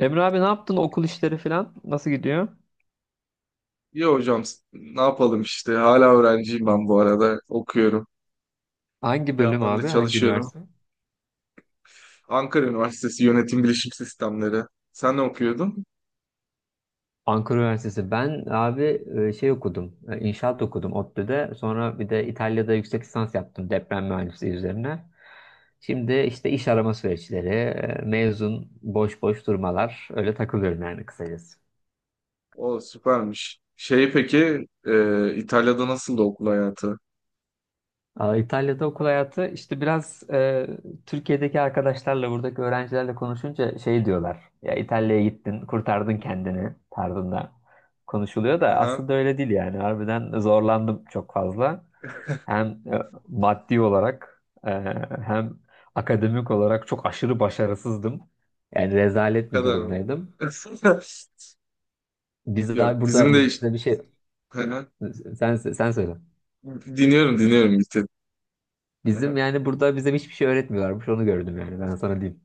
Emre abi ne yaptın? Okul işleri falan nasıl gidiyor? İyi hocam, ne yapalım işte hala öğrenciyim ben bu arada okuyorum. Hangi Bir bölüm yandan da abi? Hangi çalışıyorum. üniversite? Ankara Üniversitesi Yönetim Bilişim Sistemleri. Sen ne okuyordun? Ankara Üniversitesi. Ben abi şey okudum. İnşaat okudum ODTÜ'de. Sonra bir de İtalya'da yüksek lisans yaptım deprem mühendisliği üzerine. Şimdi işte iş arama süreçleri, mezun, boş boş durmalar. Öyle takılıyorum yani kısacası. O süpermiş. Şey, peki, İtalya'da nasıldı okul hayatı? Aa, İtalya'da okul hayatı işte biraz Türkiye'deki arkadaşlarla buradaki öğrencilerle konuşunca şey diyorlar. Ya İtalya'ya gittin, kurtardın kendini tarzında konuşuluyor da Aha, aslında öyle değil yani. Harbiden zorlandım çok fazla. Hem e, maddi olarak, hem akademik olarak çok aşırı başarısızdım. Yani o rezalet bir kadar mı? durumdaydım. Biz daha Yok bizim burada de bize işte. bir şey, Aha. sen söyle. Dinliyorum dinliyorum, bitti. Bizim Aha. yani burada bize hiçbir şey öğretmiyorlarmış onu gördüm yani ben sana diyeyim.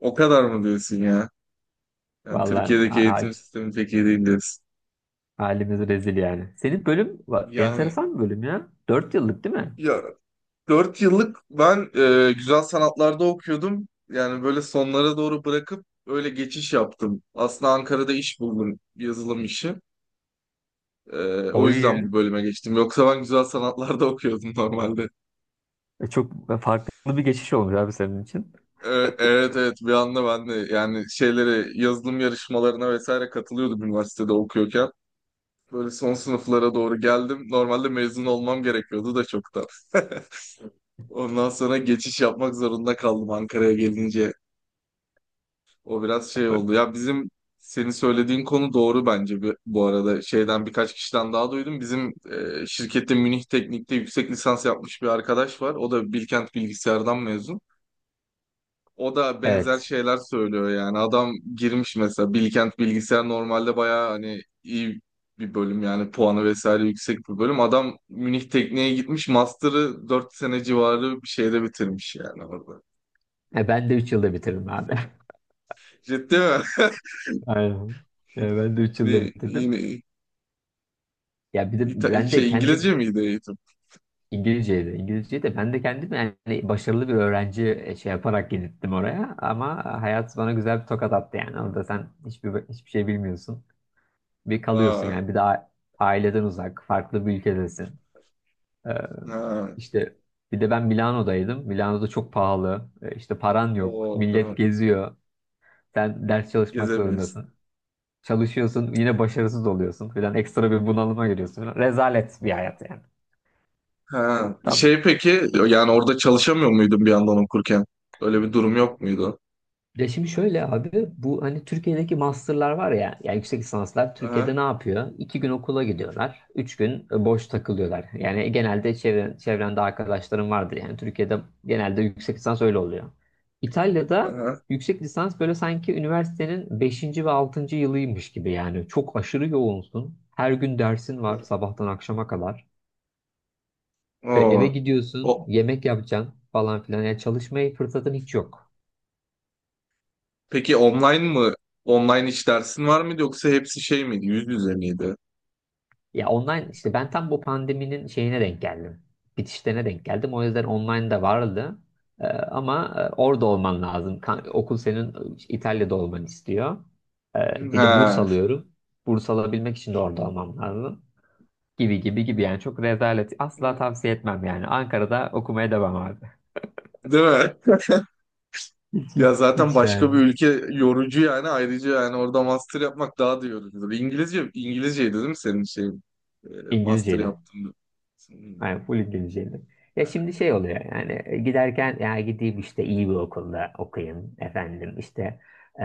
O kadar mı diyorsun ya? Yani Vallahi Türkiye'deki eğitim sistemi pek iyi değil diyorsun. halimiz rezil yani. Senin bölüm Yani, enteresan bir bölüm ya. 4 yıllık değil mi? ya, 4 yıllık ben güzel sanatlarda okuyordum. Yani böyle sonlara doğru bırakıp öyle geçiş yaptım. Aslında Ankara'da iş buldum, yazılım işi. E, O O yüzden iyi. bu bölüme geçtim. Yoksa ben güzel sanatlarda okuyordum normalde. E, Çok farklı bir geçiş olmuş abi senin için. E, evet evet, bir anda ben de yani şeylere yazılım yarışmalarına vesaire katılıyordum üniversitede okuyorken. Böyle son sınıflara doğru geldim. Normalde mezun olmam gerekiyordu da çoktan. Ondan sonra geçiş yapmak zorunda kaldım Ankara'ya gelince, o biraz şey oldu. Ya bizim senin söylediğin konu doğru bence, bu arada. Şeyden birkaç kişiden daha duydum. Bizim şirkette Münih Teknik'te yüksek lisans yapmış bir arkadaş var. O da Bilkent Bilgisayar'dan mezun. O da benzer Evet. şeyler söylüyor yani. Adam girmiş mesela, Bilkent Bilgisayar normalde bayağı hani iyi bir bölüm yani, puanı vesaire yüksek bir bölüm. Adam Münih Teknik'e gitmiş, master'ı 4 sene civarı bir şeyde bitirmiş yani orada. Ben de 3 yılda bitirdim abi. Ciddi mi? Aynen. Ya ben de 3 yılda Ne, bitirdim. yine. Ya bir de ben de Şey, İngilizce kendim miydi eğitim? İngilizceydi. İngilizceyi de ben de kendim yani başarılı bir öğrenci, şey yaparak gittim oraya. Ama hayat bana güzel bir tokat attı yani. Orada sen hiçbir şey bilmiyorsun. Bir kalıyorsun Aa, yani. Bir daha aileden uzak, farklı bir ülkedesin. Ee, ha, işte bir de ben Milano'daydım. Milano'da çok pahalı. İşte paran yok. o Millet evet. geziyor. Sen ders çalışmak Gezemiyoruz. zorundasın. Çalışıyorsun yine başarısız oluyorsun falan. Ekstra bir bunalıma giriyorsun falan. Rezalet bir hayat yani. Ha, Tamam. şey, peki yani orada çalışamıyor muydun bir yandan okurken? Öyle bir durum yok muydu? Ya şimdi şöyle abi bu hani Türkiye'deki masterlar var ya yani yüksek lisanslar Aha, Türkiye'de ne yapıyor? İki gün okula gidiyorlar. Üç gün boş takılıyorlar. Yani genelde çevrende arkadaşlarım vardır. Yani Türkiye'de genelde yüksek lisans öyle oluyor. İtalya'da aha. yüksek lisans böyle sanki üniversitenin beşinci ve altıncı yılıymış gibi yani. Çok aşırı yoğunsun. Her gün dersin var sabahtan akşama kadar. Ve Oo. eve O, gidiyorsun, yemek yapacaksın falan filan. Yani çalışmaya fırsatın hiç yok. peki online mı? Online dersin var mıydı yoksa hepsi şey miydi? Yüz yüze miydi? Ya online işte ben tam bu pandeminin şeyine denk geldim. Bitişlerine denk geldim. O yüzden online de vardı. Ama orada olman lazım. Okul senin, İtalya'da olmanı istiyor. Bir de burs Ha. alıyorum. Burs alabilmek için de orada olmam lazım. Gibi gibi gibi yani çok rezalet. Asla Evet. tavsiye etmem yani. Ankara'da okumaya devam abi. Değil mi? Hiç hiç Ya zaten hiç başka bir yani. ülke yorucu yani, ayrıca yani orada master yapmak daha da yorucudur. İngilizceydi değil mi senin şey e, master İngilizceyle. yaptığında? Hmm. Yani full İngilizceydi. Ya şimdi şey oluyor yani, giderken ya gideyim işte iyi bir okulda okuyayım efendim işte, e,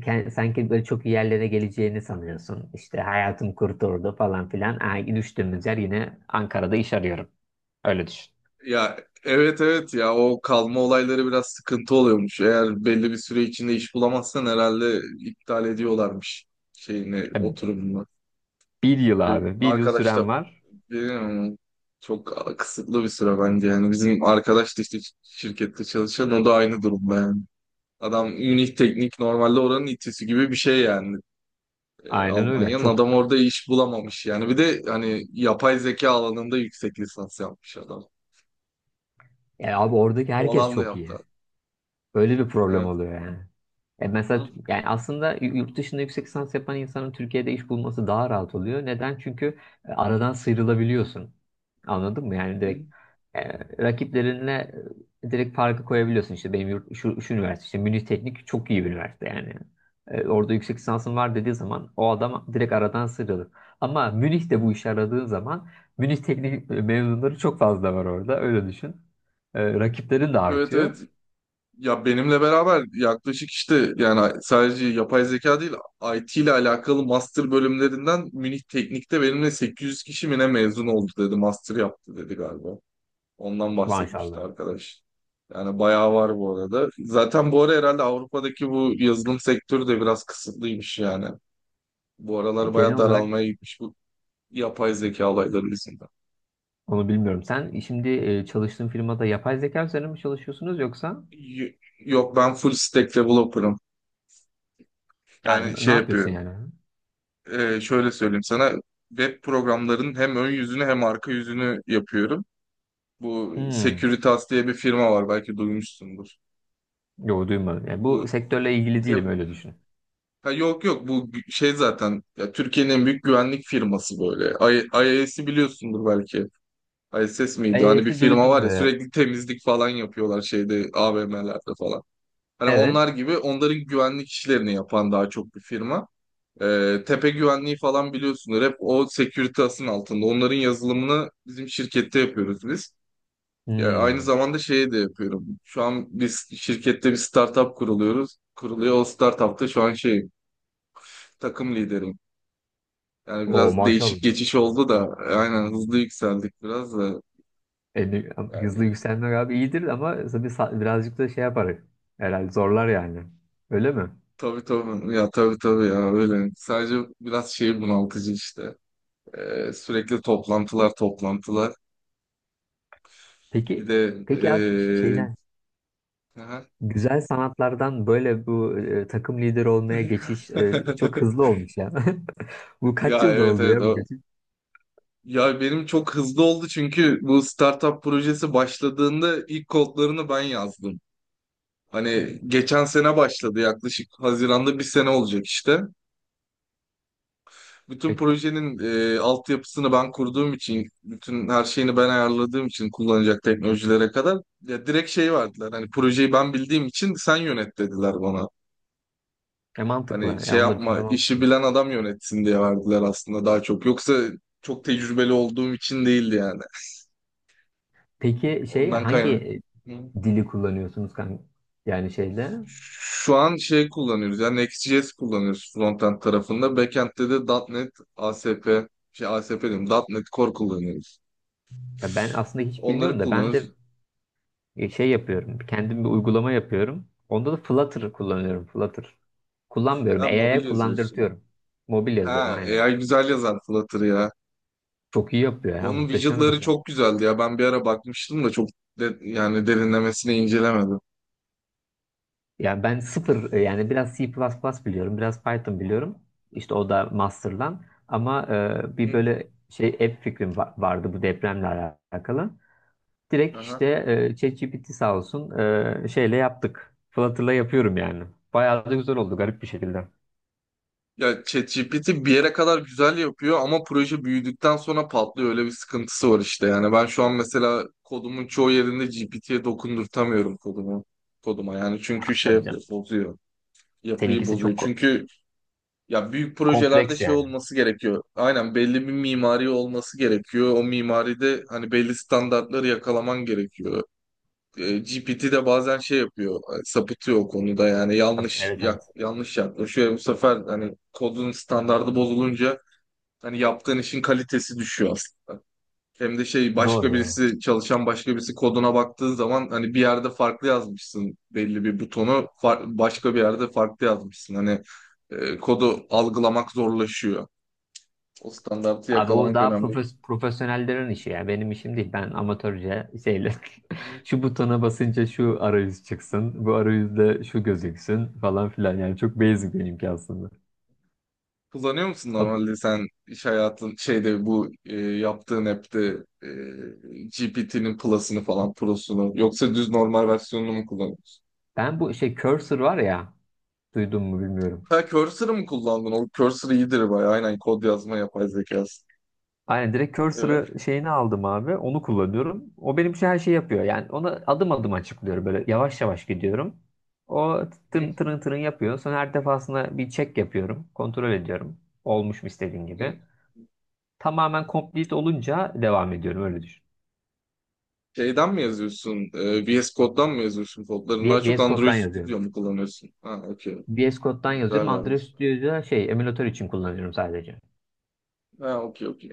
sanki böyle çok iyi yerlere geleceğini sanıyorsun. İşte hayatım kurtuldu falan filan. Ha, düştüğümüz yer yine Ankara'da iş arıyorum. Öyle düşün. Ya evet evet, ya o kalma olayları biraz sıkıntı oluyormuş. Eğer belli bir süre içinde iş bulamazsan herhalde iptal ediyorlarmış şeyini, E, oturumunu. Bir yıl Öyle abi, bir yıl arkadaş da süren var. bilmiyorum ama çok kısıtlı bir süre bence yani, bizim arkadaş da işte şirkette çalışan o da aynı durumda yani. Adam Münih Teknik normalde oranın itisi gibi bir şey yani, Aynen öyle. Almanya'nın. Çok, Adam orada iş bulamamış yani. Bir de hani yapay zeka alanında yüksek lisans yapmış adam. ya abi Hani oradaki o herkes alanda çok iyi. yaptı. Böyle bir problem Evet. oluyor yani. E mesela Hı yani aslında yurt dışında yüksek lisans yapan insanın Türkiye'de iş bulması daha rahat oluyor. Neden? Çünkü aradan sıyrılabiliyorsun. Anladın mı? Yani hı. direkt, e, rakiplerinle direkt farkı koyabiliyorsun. İşte benim yurt, şu, şu üniversite işte Münih Teknik çok iyi bir üniversite yani. Orada yüksek lisansın var dediği zaman o adam direkt aradan sıyrılır. Ama Münih'te bu işe aradığın zaman Münih Teknik mezunları çok fazla var orada. Öyle düşün. Rakiplerin de Evet artıyor. evet. Ya benimle beraber yaklaşık işte yani sadece yapay zeka değil, IT ile alakalı master bölümlerinden Münih Teknik'te benimle 800 kişi mi ne mezun oldu dedi. Master yaptı dedi galiba. Ondan bahsetmişti Maşallah. arkadaş. Yani bayağı var bu arada. Zaten bu ara herhalde Avrupa'daki bu yazılım sektörü de biraz kısıtlıymış yani. Bu E, aralar genel bayağı olarak daralmaya gitmiş bu yapay zeka olayları yüzünden. onu bilmiyorum. Sen, şimdi çalıştığın firmada yapay zeka üzerine mi çalışıyorsunuz yoksa Y- Yok ben full stack developer'ım. yani Yani ne şey yapıyorsun yapıyorum. yani? Şöyle söyleyeyim sana. Web programlarının hem ön yüzünü hem arka yüzünü yapıyorum. Bu Hmm. Securitas diye bir firma var belki duymuşsundur. Yok duymadım. Yani bu Bu sektörle ilgili te- değilim, öyle düşün. Ha, yok yok, şey zaten ya, Türkiye'nin en büyük güvenlik firması böyle. IAS'i biliyorsundur belki. ISS miydi? Hani bir AES'i firma duydum. var ya, sürekli temizlik falan yapıyorlar şeyde AVM'lerde falan. Hani Evet. onlar gibi, onların güvenlik işlerini yapan daha çok bir firma. Tepe Güvenliği falan biliyorsunuz. Hep o Securitas'ın altında. Onların yazılımını bizim şirkette yapıyoruz biz. Ya aynı Hmm. zamanda şeyi de yapıyorum. Şu an biz şirkette bir startup kuruluyoruz. Kuruluyor. O startupta şu an şey, takım lideri. Yani O biraz değişik maşallah. geçiş oldu da aynen, hızlı yükseldik biraz da. E, ne- hızlı Yani, yükselmek abi iyidir ama tabii birazcık da şey yapar. Herhalde zorlar yani. Öyle mi? tabii tabii ya tabii tabii ya, öyle. Sadece biraz şey bunaltıcı işte. Sürekli toplantılar toplantılar. Peki Bir de peki abi şeyden aha. güzel sanatlardan böyle bu, takım lideri olmaya geçiş çok hızlı olmuş ya. Bu kaç Ya, yılda evet oldu evet, ya bu geçiş? Ya benim çok hızlı oldu çünkü bu startup projesi başladığında ilk kodlarını ben yazdım. Hani geçen sene başladı yaklaşık, Haziran'da bir sene olacak işte. Bütün E, projenin altyapısını ben kurduğum için, bütün her şeyini ben ayarladığım için kullanacak teknolojilere kadar ya direkt şey verdiler. Hani projeyi ben bildiğim için sen yönet dediler bana. Hani mantıklı. şey Ya onlar için de yapma, işi mantıklı. bilen adam yönetsin diye verdiler aslında daha çok. Yoksa çok tecrübeli olduğum için değildi yani. Peki şey, Ondan kaynak. hangi Hı. dili kullanıyorsunuz kanka? Yani şeyde, Şu an şey kullanıyoruz. Yani Next.js kullanıyoruz frontend tarafında. Backend'de de .NET, ASP, şey ASP diyorum, .NET Core kullanıyoruz. ya ben aslında hiç Onları bilmiyorum da ben kullanıyoruz. de, şey yapıyorum. Kendim bir uygulama yapıyorum. Onda da Flutter kullanıyorum. Flutter. Kullanmıyorum. Ha, mobil AI'ye yazıyorsun. kullandırtıyorum. Mobil Ha, yazıyorum aynen. AI güzel yazar Flutter ya. Çok iyi yapıyor ya. Onun Muhteşem widgetları yapıyor. çok güzeldi ya. Ben bir ara bakmıştım da çok yani derinlemesine incelemedim. Yani ben sıfır, yani biraz C++ biliyorum. Biraz Python biliyorum. İşte o da master'dan. Ama bir Hı. böyle şey app fikrim vardı bu depremle alakalı. Direkt işte Aha. ChatGPT sağ olsun şeyle yaptık. Flutter'la yapıyorum yani. Bayağı da güzel oldu garip bir şekilde. Ya ChatGPT bir yere kadar güzel yapıyor ama proje büyüdükten sonra patlıyor. Öyle bir sıkıntısı var işte. Yani ben şu an mesela kodumun çoğu yerinde GPT'ye dokundurtamıyorum kodumu. Koduma yani, Ya, çünkü şey tabii yapıyor, canım. bozuyor. Yapıyı Seninkisi çok bozuyor. Çünkü ya büyük projelerde kompleks şey yani. olması gerekiyor. Aynen, belli bir mimari olması gerekiyor. O mimaride hani belli standartları yakalaman gerekiyor. GPT de bazen şey yapıyor, sapıtıyor o konuda, yani Tabii, evet, evet. yanlış yaklaşıyor. Bu sefer hani kodun standardı bozulunca hani yaptığın işin kalitesi düşüyor aslında. Hem de şey Doğru, başka doğru. birisi çalışan başka birisi koduna baktığın zaman hani bir yerde farklı yazmışsın, belli bir butonu başka bir yerde farklı yazmışsın. Hani kodu algılamak zorlaşıyor. O standartı Abi o yakalamak daha önemli. Profesyonellerin işi ya. Benim işim değil. Ben amatörce şeyle şu butona basınca şu arayüz çıksın. Bu arayüzde şu gözüksün falan filan. Yani çok basic benimki aslında. Kullanıyor musun Abi, normalde sen, iş hayatın şeyde, bu yaptığın app'te GPT'nin Plus'ını falan Pro'sunu yoksa düz normal versiyonunu mu kullanıyorsun? ben bu şey cursor var ya. Duydun mu bilmiyorum. Ha, Cursor'ı mı kullandın? O Cursor iyidir bayağı. Aynen, kod yazma yapay zekası. Aynen direkt Evet. cursor'ı şeyini aldım abi. Onu kullanıyorum. O benim için her şeyi yapıyor. Yani ona adım adım açıklıyorum. Böyle yavaş yavaş gidiyorum. O Hı. tırın tırın tırın yapıyor. Sonra her defasında bir check yapıyorum. Kontrol ediyorum. Olmuş mu istediğin Hı. gibi. Tamamen complete olunca devam ediyorum. Öyle düşün. Şeyden mi yazıyorsun? VS Code'dan mı yazıyorsun kodlarını? Daha çok VS Android Code'dan Studio yazıyorum. mu kullanıyorsun? Ha, okey. VS Code'dan yazıyorum. Güzel yani. Android Studio'da şey emülatör için kullanıyorum sadece. Ha, okey, okey.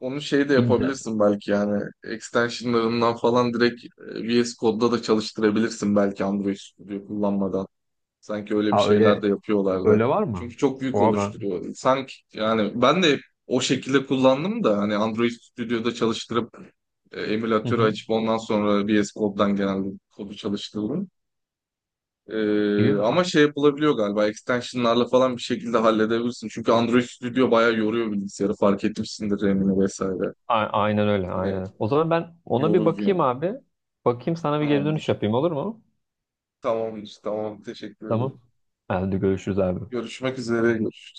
Onu şey de Bilmiyorum. yapabilirsin belki yani. Extensionlarından falan direkt VS Code'da da çalıştırabilirsin belki Android Studio kullanmadan. Sanki öyle bir Aa şeyler de öyle, yapıyorlardı. Var mı? Çünkü çok büyük Oha ben. oluşturuyor. Sanki yani ben de o şekilde kullandım da hani Android Studio'da çalıştırıp Hı emülatörü hı. açıp ondan sonra VS Code'dan genelde kodu çalıştırdım. E, Gibi mi? Ama şey yapılabiliyor galiba, extensionlarla falan bir şekilde halledebilirsin. Çünkü Android Studio bayağı yoruyor bilgisayarı, fark etmişsindir RAM'ini vesaire. Aynen öyle, Hani aynen. O zaman ben ona bir yorucu bakayım yani. abi. Bakayım, sana bir geri dönüş Tamamdır. yapayım, olur mu? Tamamdır. Tamam. Teşekkür ederim. Tamam. Hadi görüşürüz abi. Görüşmek üzere.